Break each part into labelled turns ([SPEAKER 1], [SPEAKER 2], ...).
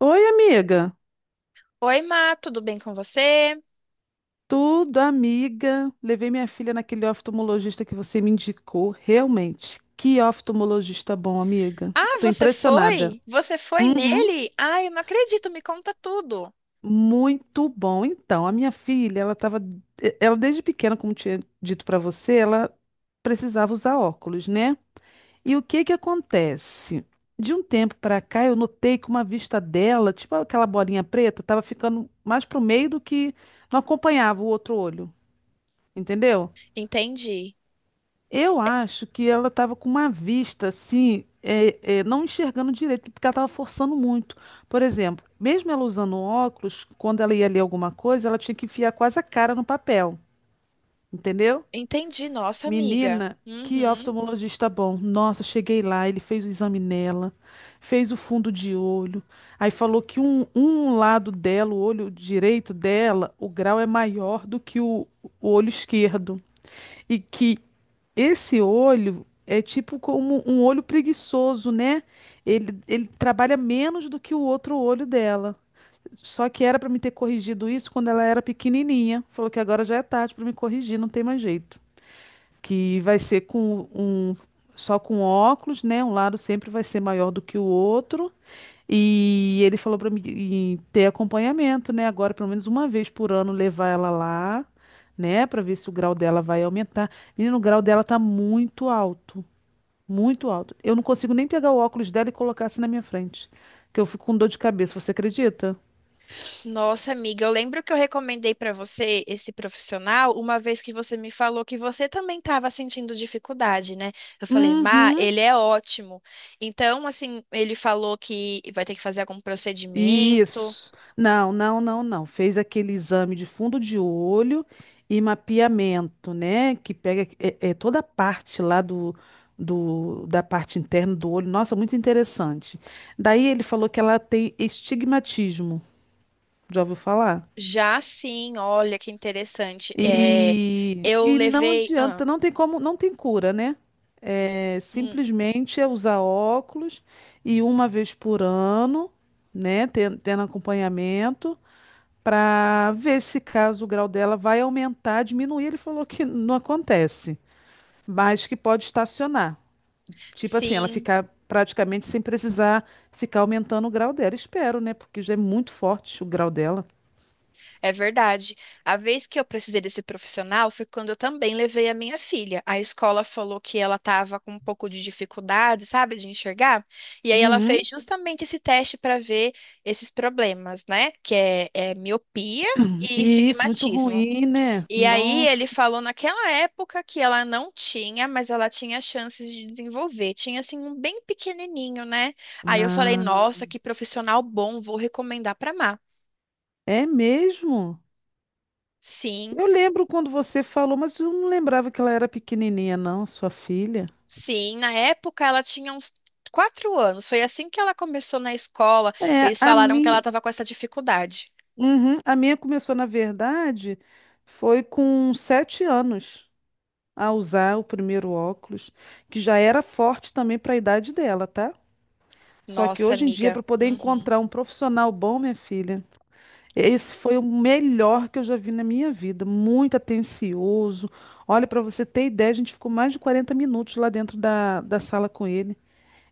[SPEAKER 1] Oi, amiga.
[SPEAKER 2] Oi, Má, tudo bem com você?
[SPEAKER 1] Tudo, amiga. Levei minha filha naquele oftalmologista que você me indicou. Realmente, que oftalmologista bom, amiga.
[SPEAKER 2] Ah,
[SPEAKER 1] Tô
[SPEAKER 2] você
[SPEAKER 1] impressionada.
[SPEAKER 2] foi? Você foi
[SPEAKER 1] Uhum,
[SPEAKER 2] nele? Ah, eu não acredito, me conta tudo.
[SPEAKER 1] muito bom. Então, a minha filha, ela desde pequena, como tinha dito pra você, ela precisava usar óculos, né? E o que que acontece? De um tempo pra cá, eu notei que uma vista dela, tipo aquela bolinha preta, tava ficando mais pro meio do que não acompanhava o outro olho, entendeu?
[SPEAKER 2] Entendi.
[SPEAKER 1] Eu acho que ela estava com uma vista assim, não enxergando direito, porque ela estava forçando muito. Por exemplo, mesmo ela usando um óculos, quando ela ia ler alguma coisa, ela tinha que enfiar quase a cara no papel, entendeu?
[SPEAKER 2] Entendi, nossa amiga.
[SPEAKER 1] Menina, que
[SPEAKER 2] Uhum.
[SPEAKER 1] oftalmologista bom. Nossa, cheguei lá, ele fez o exame nela, fez o fundo de olho, aí falou que um lado dela, o olho direito dela, o grau é maior do que o olho esquerdo e que esse olho é tipo como um olho preguiçoso, né? Ele trabalha menos do que o outro olho dela. Só que era para me ter corrigido isso quando ela era pequenininha. Falou que agora já é tarde para me corrigir, não tem mais jeito. Que vai ser com só com óculos, né? Um lado sempre vai ser maior do que o outro. E ele falou para mim e ter acompanhamento, né? Agora, pelo menos uma vez por ano, levar ela lá, né? Para ver se o grau dela vai aumentar. Menino, o grau dela tá muito alto, muito alto. Eu não consigo nem pegar o óculos dela e colocar assim na minha frente, que eu fico com dor de cabeça. Você acredita?
[SPEAKER 2] Nossa amiga, eu lembro que eu recomendei para você esse profissional uma vez que você me falou que você também estava sentindo dificuldade, né? Eu falei, Má,
[SPEAKER 1] Uhum.
[SPEAKER 2] ele é ótimo. Então, assim, ele falou que vai ter que fazer algum procedimento.
[SPEAKER 1] Isso. Não, não, não, não. Fez aquele exame de fundo de olho e mapeamento, né? Que pega toda a parte lá da parte interna do olho. Nossa, muito interessante. Daí ele falou que ela tem estigmatismo. Já ouviu falar?
[SPEAKER 2] Já sim, olha que interessante. É,
[SPEAKER 1] E,
[SPEAKER 2] eu
[SPEAKER 1] e não
[SPEAKER 2] levei.
[SPEAKER 1] adianta, não tem como, não tem cura, né? É,
[SPEAKER 2] Hum,
[SPEAKER 1] simplesmente é usar óculos e uma vez por ano, né? Tendo acompanhamento. Para ver se caso o grau dela vai aumentar, diminuir. Ele falou que não acontece, mas que pode estacionar. Tipo assim, ela
[SPEAKER 2] sim,
[SPEAKER 1] ficar praticamente sem precisar ficar aumentando o grau dela. Espero, né? Porque já é muito forte o grau dela.
[SPEAKER 2] é verdade. A vez que eu precisei desse profissional foi quando eu também levei a minha filha. A escola falou que ela estava com um pouco de dificuldade, sabe, de enxergar. E aí ela
[SPEAKER 1] Uhum.
[SPEAKER 2] fez justamente esse teste para ver esses problemas, né? Que é miopia e
[SPEAKER 1] E isso, muito
[SPEAKER 2] estigmatismo.
[SPEAKER 1] ruim, né?
[SPEAKER 2] E aí ele
[SPEAKER 1] Nossa.
[SPEAKER 2] falou naquela época que ela não tinha, mas ela tinha chances de desenvolver. Tinha assim um bem pequenininho, né? Aí eu falei,
[SPEAKER 1] Ah,
[SPEAKER 2] nossa, que profissional bom, vou recomendar para
[SPEAKER 1] é mesmo?
[SPEAKER 2] sim,
[SPEAKER 1] Eu lembro quando você falou, mas eu não lembrava que ela era pequenininha, não, sua filha.
[SPEAKER 2] sim. Na época ela tinha uns 4 anos. Foi assim que ela começou na escola.
[SPEAKER 1] É,
[SPEAKER 2] Eles
[SPEAKER 1] a
[SPEAKER 2] falaram que ela
[SPEAKER 1] minha.
[SPEAKER 2] estava com essa dificuldade.
[SPEAKER 1] Uhum. A minha começou, na verdade, foi com 7 anos a usar o primeiro óculos, que já era forte também para a idade dela, tá? Só que
[SPEAKER 2] Nossa,
[SPEAKER 1] hoje em dia,
[SPEAKER 2] amiga.
[SPEAKER 1] para poder
[SPEAKER 2] Uhum.
[SPEAKER 1] encontrar um profissional bom, minha filha, esse foi o melhor que eu já vi na minha vida. Muito atencioso. Olha, para você ter ideia, a gente ficou mais de 40 minutos lá dentro da sala com ele.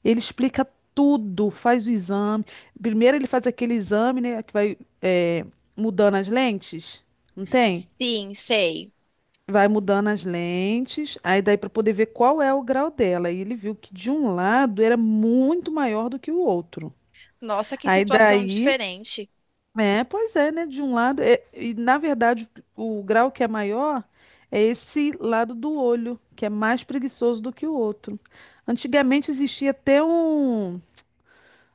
[SPEAKER 1] Ele explica tudo, faz o exame. Primeiro ele faz aquele exame, né, que vai é, mudando as lentes, não tem?
[SPEAKER 2] Sim, sei.
[SPEAKER 1] Vai mudando as lentes, aí daí para poder ver qual é o grau dela. E ele viu que de um lado era muito maior do que o outro.
[SPEAKER 2] Nossa, que
[SPEAKER 1] Aí
[SPEAKER 2] situação
[SPEAKER 1] daí,
[SPEAKER 2] diferente.
[SPEAKER 1] pois é, né? De um lado, e na verdade o grau que é maior é esse lado do olho, que é mais preguiçoso do que o outro. Antigamente existia até um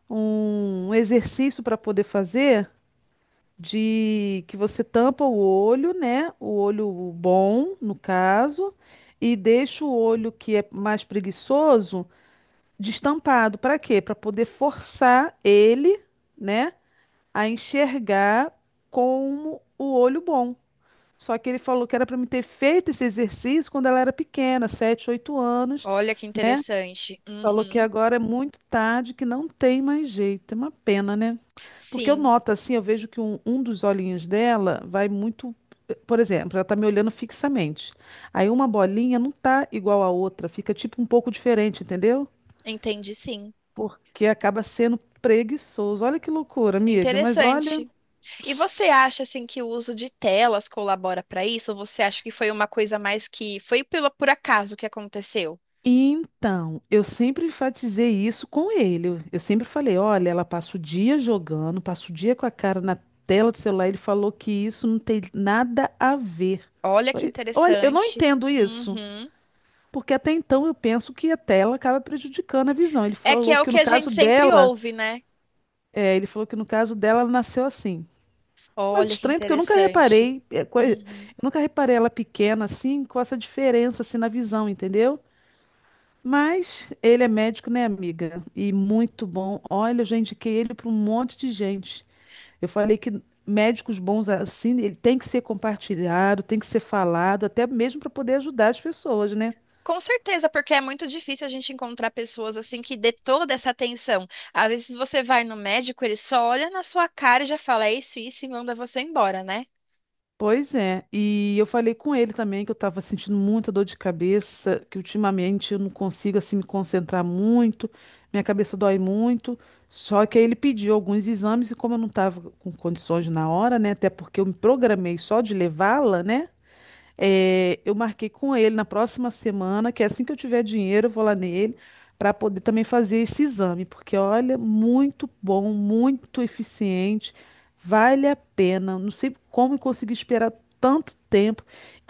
[SPEAKER 1] um exercício para poder fazer de que você tampa o olho, né? O olho bom, no caso, e deixa o olho que é mais preguiçoso destampado. Para quê? Para poder forçar ele, né, a enxergar como o olho bom. Só que ele falou que era para me ter feito esse exercício quando ela era pequena, 7, 8 anos.
[SPEAKER 2] Olha que interessante.
[SPEAKER 1] Falou que
[SPEAKER 2] Uhum.
[SPEAKER 1] agora é muito tarde, que não tem mais jeito. É uma pena, né? Porque eu
[SPEAKER 2] Sim,
[SPEAKER 1] noto assim, eu vejo que um dos olhinhos dela vai muito. Por exemplo, ela tá me olhando fixamente. Aí uma bolinha não tá igual à outra, fica tipo um pouco diferente, entendeu?
[SPEAKER 2] entendi, sim.
[SPEAKER 1] Porque acaba sendo preguiçoso. Olha que loucura, amiga, mas olha.
[SPEAKER 2] Interessante. E você acha assim que o uso de telas colabora para isso? Ou você acha que foi uma coisa mais que foi pelo por acaso que aconteceu?
[SPEAKER 1] Então, eu sempre enfatizei isso com ele. Eu sempre falei: olha, ela passa o dia jogando, passa o dia com a cara na tela do celular. Ele falou que isso não tem nada a ver.
[SPEAKER 2] Olha que
[SPEAKER 1] Oi, olha, eu não
[SPEAKER 2] interessante.
[SPEAKER 1] entendo isso.
[SPEAKER 2] Uhum.
[SPEAKER 1] Porque até então eu penso que a tela acaba prejudicando a visão. Ele
[SPEAKER 2] É que
[SPEAKER 1] falou
[SPEAKER 2] é o
[SPEAKER 1] que
[SPEAKER 2] que
[SPEAKER 1] no
[SPEAKER 2] a gente
[SPEAKER 1] caso
[SPEAKER 2] sempre
[SPEAKER 1] dela,
[SPEAKER 2] ouve, né?
[SPEAKER 1] é, ele falou que no caso dela ela nasceu assim. Mas
[SPEAKER 2] Olha que
[SPEAKER 1] estranho, porque eu nunca
[SPEAKER 2] interessante.
[SPEAKER 1] reparei, eu
[SPEAKER 2] Uhum.
[SPEAKER 1] nunca reparei ela pequena assim, com essa diferença assim na visão, entendeu? Mas ele é médico, né, amiga? E muito bom. Olha, eu já indiquei ele para um monte de gente. Eu falei que médicos bons assim, ele tem que ser compartilhado, tem que ser falado, até mesmo para poder ajudar as pessoas, né?
[SPEAKER 2] Com certeza, porque é muito difícil a gente encontrar pessoas assim que dê toda essa atenção. Às vezes você vai no médico, ele só olha na sua cara e já fala, é isso, isso, e manda você embora, né?
[SPEAKER 1] Pois é, e eu falei com ele também que eu estava sentindo muita dor de cabeça, que ultimamente eu não consigo assim me concentrar muito, minha cabeça dói muito. Só que aí ele pediu alguns exames e como eu não estava com condições na hora, né, até porque eu me programei só de levá-la, né? É, eu marquei com ele na próxima semana, que assim que eu tiver dinheiro, eu vou lá nele para poder também fazer esse exame, porque olha, muito bom, muito eficiente, vale a pena. Não sei como eu consegui esperar tanto tempo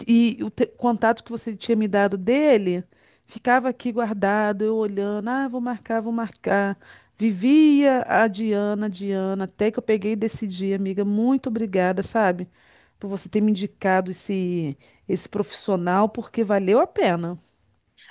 [SPEAKER 1] e o contato que você tinha me dado dele ficava aqui guardado, eu olhando, ah, vou marcar, vou marcar. Vivia a Diana, Diana, até que eu peguei e decidi, amiga, muito obrigada, sabe? Por você ter me indicado esse profissional porque valeu a pena.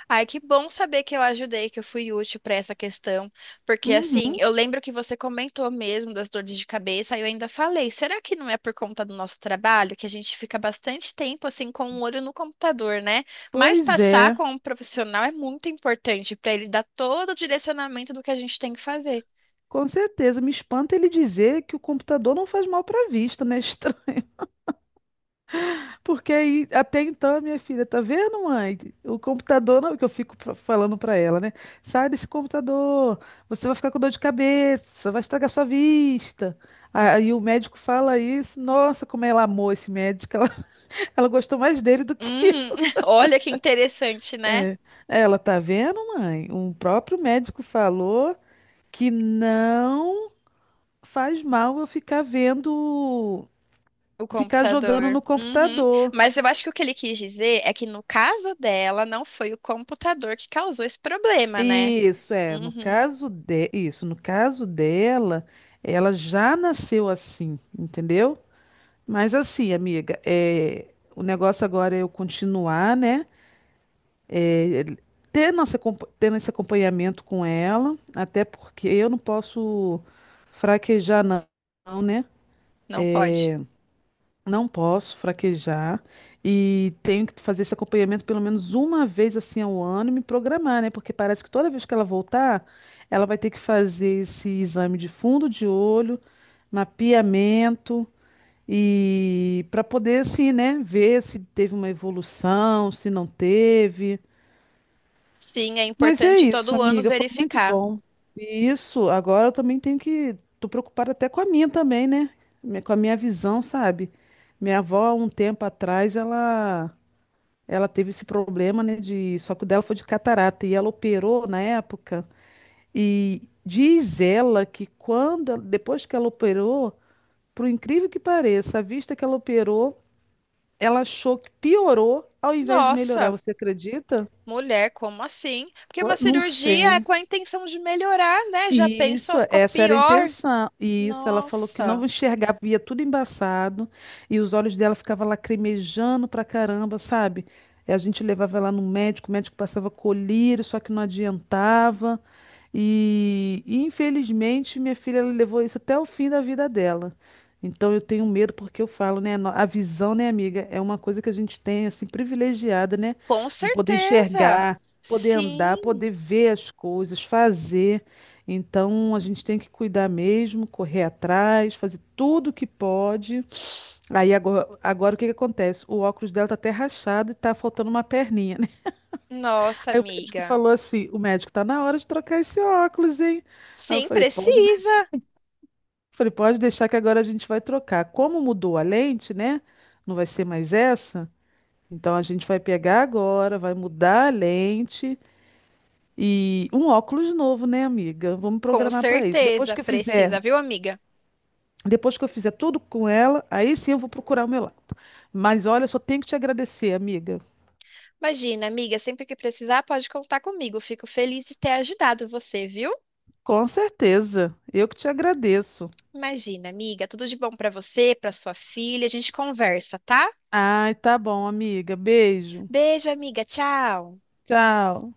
[SPEAKER 2] Ai, que bom saber que eu ajudei, que eu fui útil para essa questão, porque assim,
[SPEAKER 1] Uhum,
[SPEAKER 2] eu lembro que você comentou mesmo das dores de cabeça, e eu ainda falei, será que não é por conta do nosso trabalho que a gente fica bastante tempo assim com o olho no computador, né? Mas
[SPEAKER 1] pois
[SPEAKER 2] passar
[SPEAKER 1] é.
[SPEAKER 2] com um profissional é muito importante para ele dar todo o direcionamento do que a gente tem que fazer.
[SPEAKER 1] Com certeza, me espanta ele dizer que o computador não faz mal para a vista, né? Porque aí, até então, minha filha, tá vendo, mãe? O computador não, que eu fico falando para ela, né? Sai desse computador, você vai ficar com dor de cabeça, vai estragar sua vista. Aí o médico fala isso, nossa, como ela amou esse médico, ela gostou mais dele do que
[SPEAKER 2] Hum,
[SPEAKER 1] eu.
[SPEAKER 2] olha que interessante, né?
[SPEAKER 1] É, ela tá vendo, mãe? O próprio médico falou que não faz mal eu ficar vendo,
[SPEAKER 2] O
[SPEAKER 1] ficar jogando
[SPEAKER 2] computador.
[SPEAKER 1] no
[SPEAKER 2] Uhum.
[SPEAKER 1] computador.
[SPEAKER 2] Mas eu acho que o que ele quis dizer é que no caso dela, não foi o computador que causou esse problema, né?
[SPEAKER 1] Isso é,
[SPEAKER 2] Uhum,
[SPEAKER 1] no caso dela, ela já nasceu assim, entendeu? Mas assim, amiga, o negócio agora é eu continuar, né? É, ter nossa, compa- tendo esse acompanhamento com ela, até porque eu não posso fraquejar, não, né?
[SPEAKER 2] não pode.
[SPEAKER 1] Não posso fraquejar e tenho que fazer esse acompanhamento pelo menos uma vez assim ao ano e me programar, né? Porque parece que toda vez que ela voltar, ela vai ter que fazer esse exame de fundo de olho, mapeamento e para poder assim, né, ver se teve uma evolução, se não teve.
[SPEAKER 2] Sim, é
[SPEAKER 1] Mas é
[SPEAKER 2] importante
[SPEAKER 1] isso,
[SPEAKER 2] todo ano
[SPEAKER 1] amiga, foi muito
[SPEAKER 2] verificar.
[SPEAKER 1] bom. E isso, agora eu também tenho que. Tô preocupada até com a minha também, né? Com a minha visão, sabe? Minha avó, há um tempo atrás, ela teve esse problema, né? Só que o dela foi de catarata e ela operou na época. E diz ela que quando, depois que ela operou, por incrível que pareça, a vista que ela operou, ela achou que piorou ao invés de melhorar.
[SPEAKER 2] Nossa,
[SPEAKER 1] Você acredita?
[SPEAKER 2] mulher, como assim? Porque
[SPEAKER 1] Pô,
[SPEAKER 2] uma
[SPEAKER 1] não
[SPEAKER 2] cirurgia é
[SPEAKER 1] sei.
[SPEAKER 2] com a intenção de melhorar, né? Já
[SPEAKER 1] Isso,
[SPEAKER 2] pensou, ficou
[SPEAKER 1] essa era a
[SPEAKER 2] pior.
[SPEAKER 1] intenção. E isso, ela falou que não
[SPEAKER 2] Nossa,
[SPEAKER 1] enxergava, via tudo embaçado, e os olhos dela ficavam lacrimejando pra caramba, sabe? E a gente levava ela no médico, o médico passava colírio, só que não adiantava. Infelizmente, minha filha ela levou isso até o fim da vida dela. Então eu tenho medo porque eu falo, né, a visão, né, amiga, é uma coisa que a gente tem assim privilegiada, né,
[SPEAKER 2] com
[SPEAKER 1] de poder
[SPEAKER 2] certeza.
[SPEAKER 1] enxergar, poder andar,
[SPEAKER 2] Sim,
[SPEAKER 1] poder ver as coisas, fazer. Então a gente tem que cuidar mesmo, correr atrás, fazer tudo o que pode. Aí agora o que que acontece? O óculos dela tá até rachado e tá faltando uma perninha, né?
[SPEAKER 2] nossa,
[SPEAKER 1] Aí o médico
[SPEAKER 2] amiga.
[SPEAKER 1] falou assim: "O médico tá na hora de trocar esse óculos, hein?" Aí eu
[SPEAKER 2] Sim,
[SPEAKER 1] falei: "Pode,
[SPEAKER 2] precisa.
[SPEAKER 1] falei, pode deixar que agora a gente vai trocar. Como mudou a lente, né? Não vai ser mais essa. Então a gente vai pegar agora, vai mudar a lente e um óculos novo, né, amiga? Vamos
[SPEAKER 2] Com
[SPEAKER 1] programar para isso. Depois
[SPEAKER 2] certeza,
[SPEAKER 1] que eu fizer
[SPEAKER 2] precisa, viu, amiga?
[SPEAKER 1] Depois que eu fizer tudo com ela, aí sim eu vou procurar o meu lado. Mas olha, eu só tenho que te agradecer, amiga.
[SPEAKER 2] Imagina, amiga, sempre que precisar, pode contar comigo. Fico feliz de ter ajudado você, viu?
[SPEAKER 1] Com certeza. Eu que te agradeço.
[SPEAKER 2] Imagina, amiga, tudo de bom pra você, pra sua filha. A gente conversa, tá?
[SPEAKER 1] Ai, tá bom, amiga. Beijo.
[SPEAKER 2] Beijo, amiga. Tchau.
[SPEAKER 1] Tchau.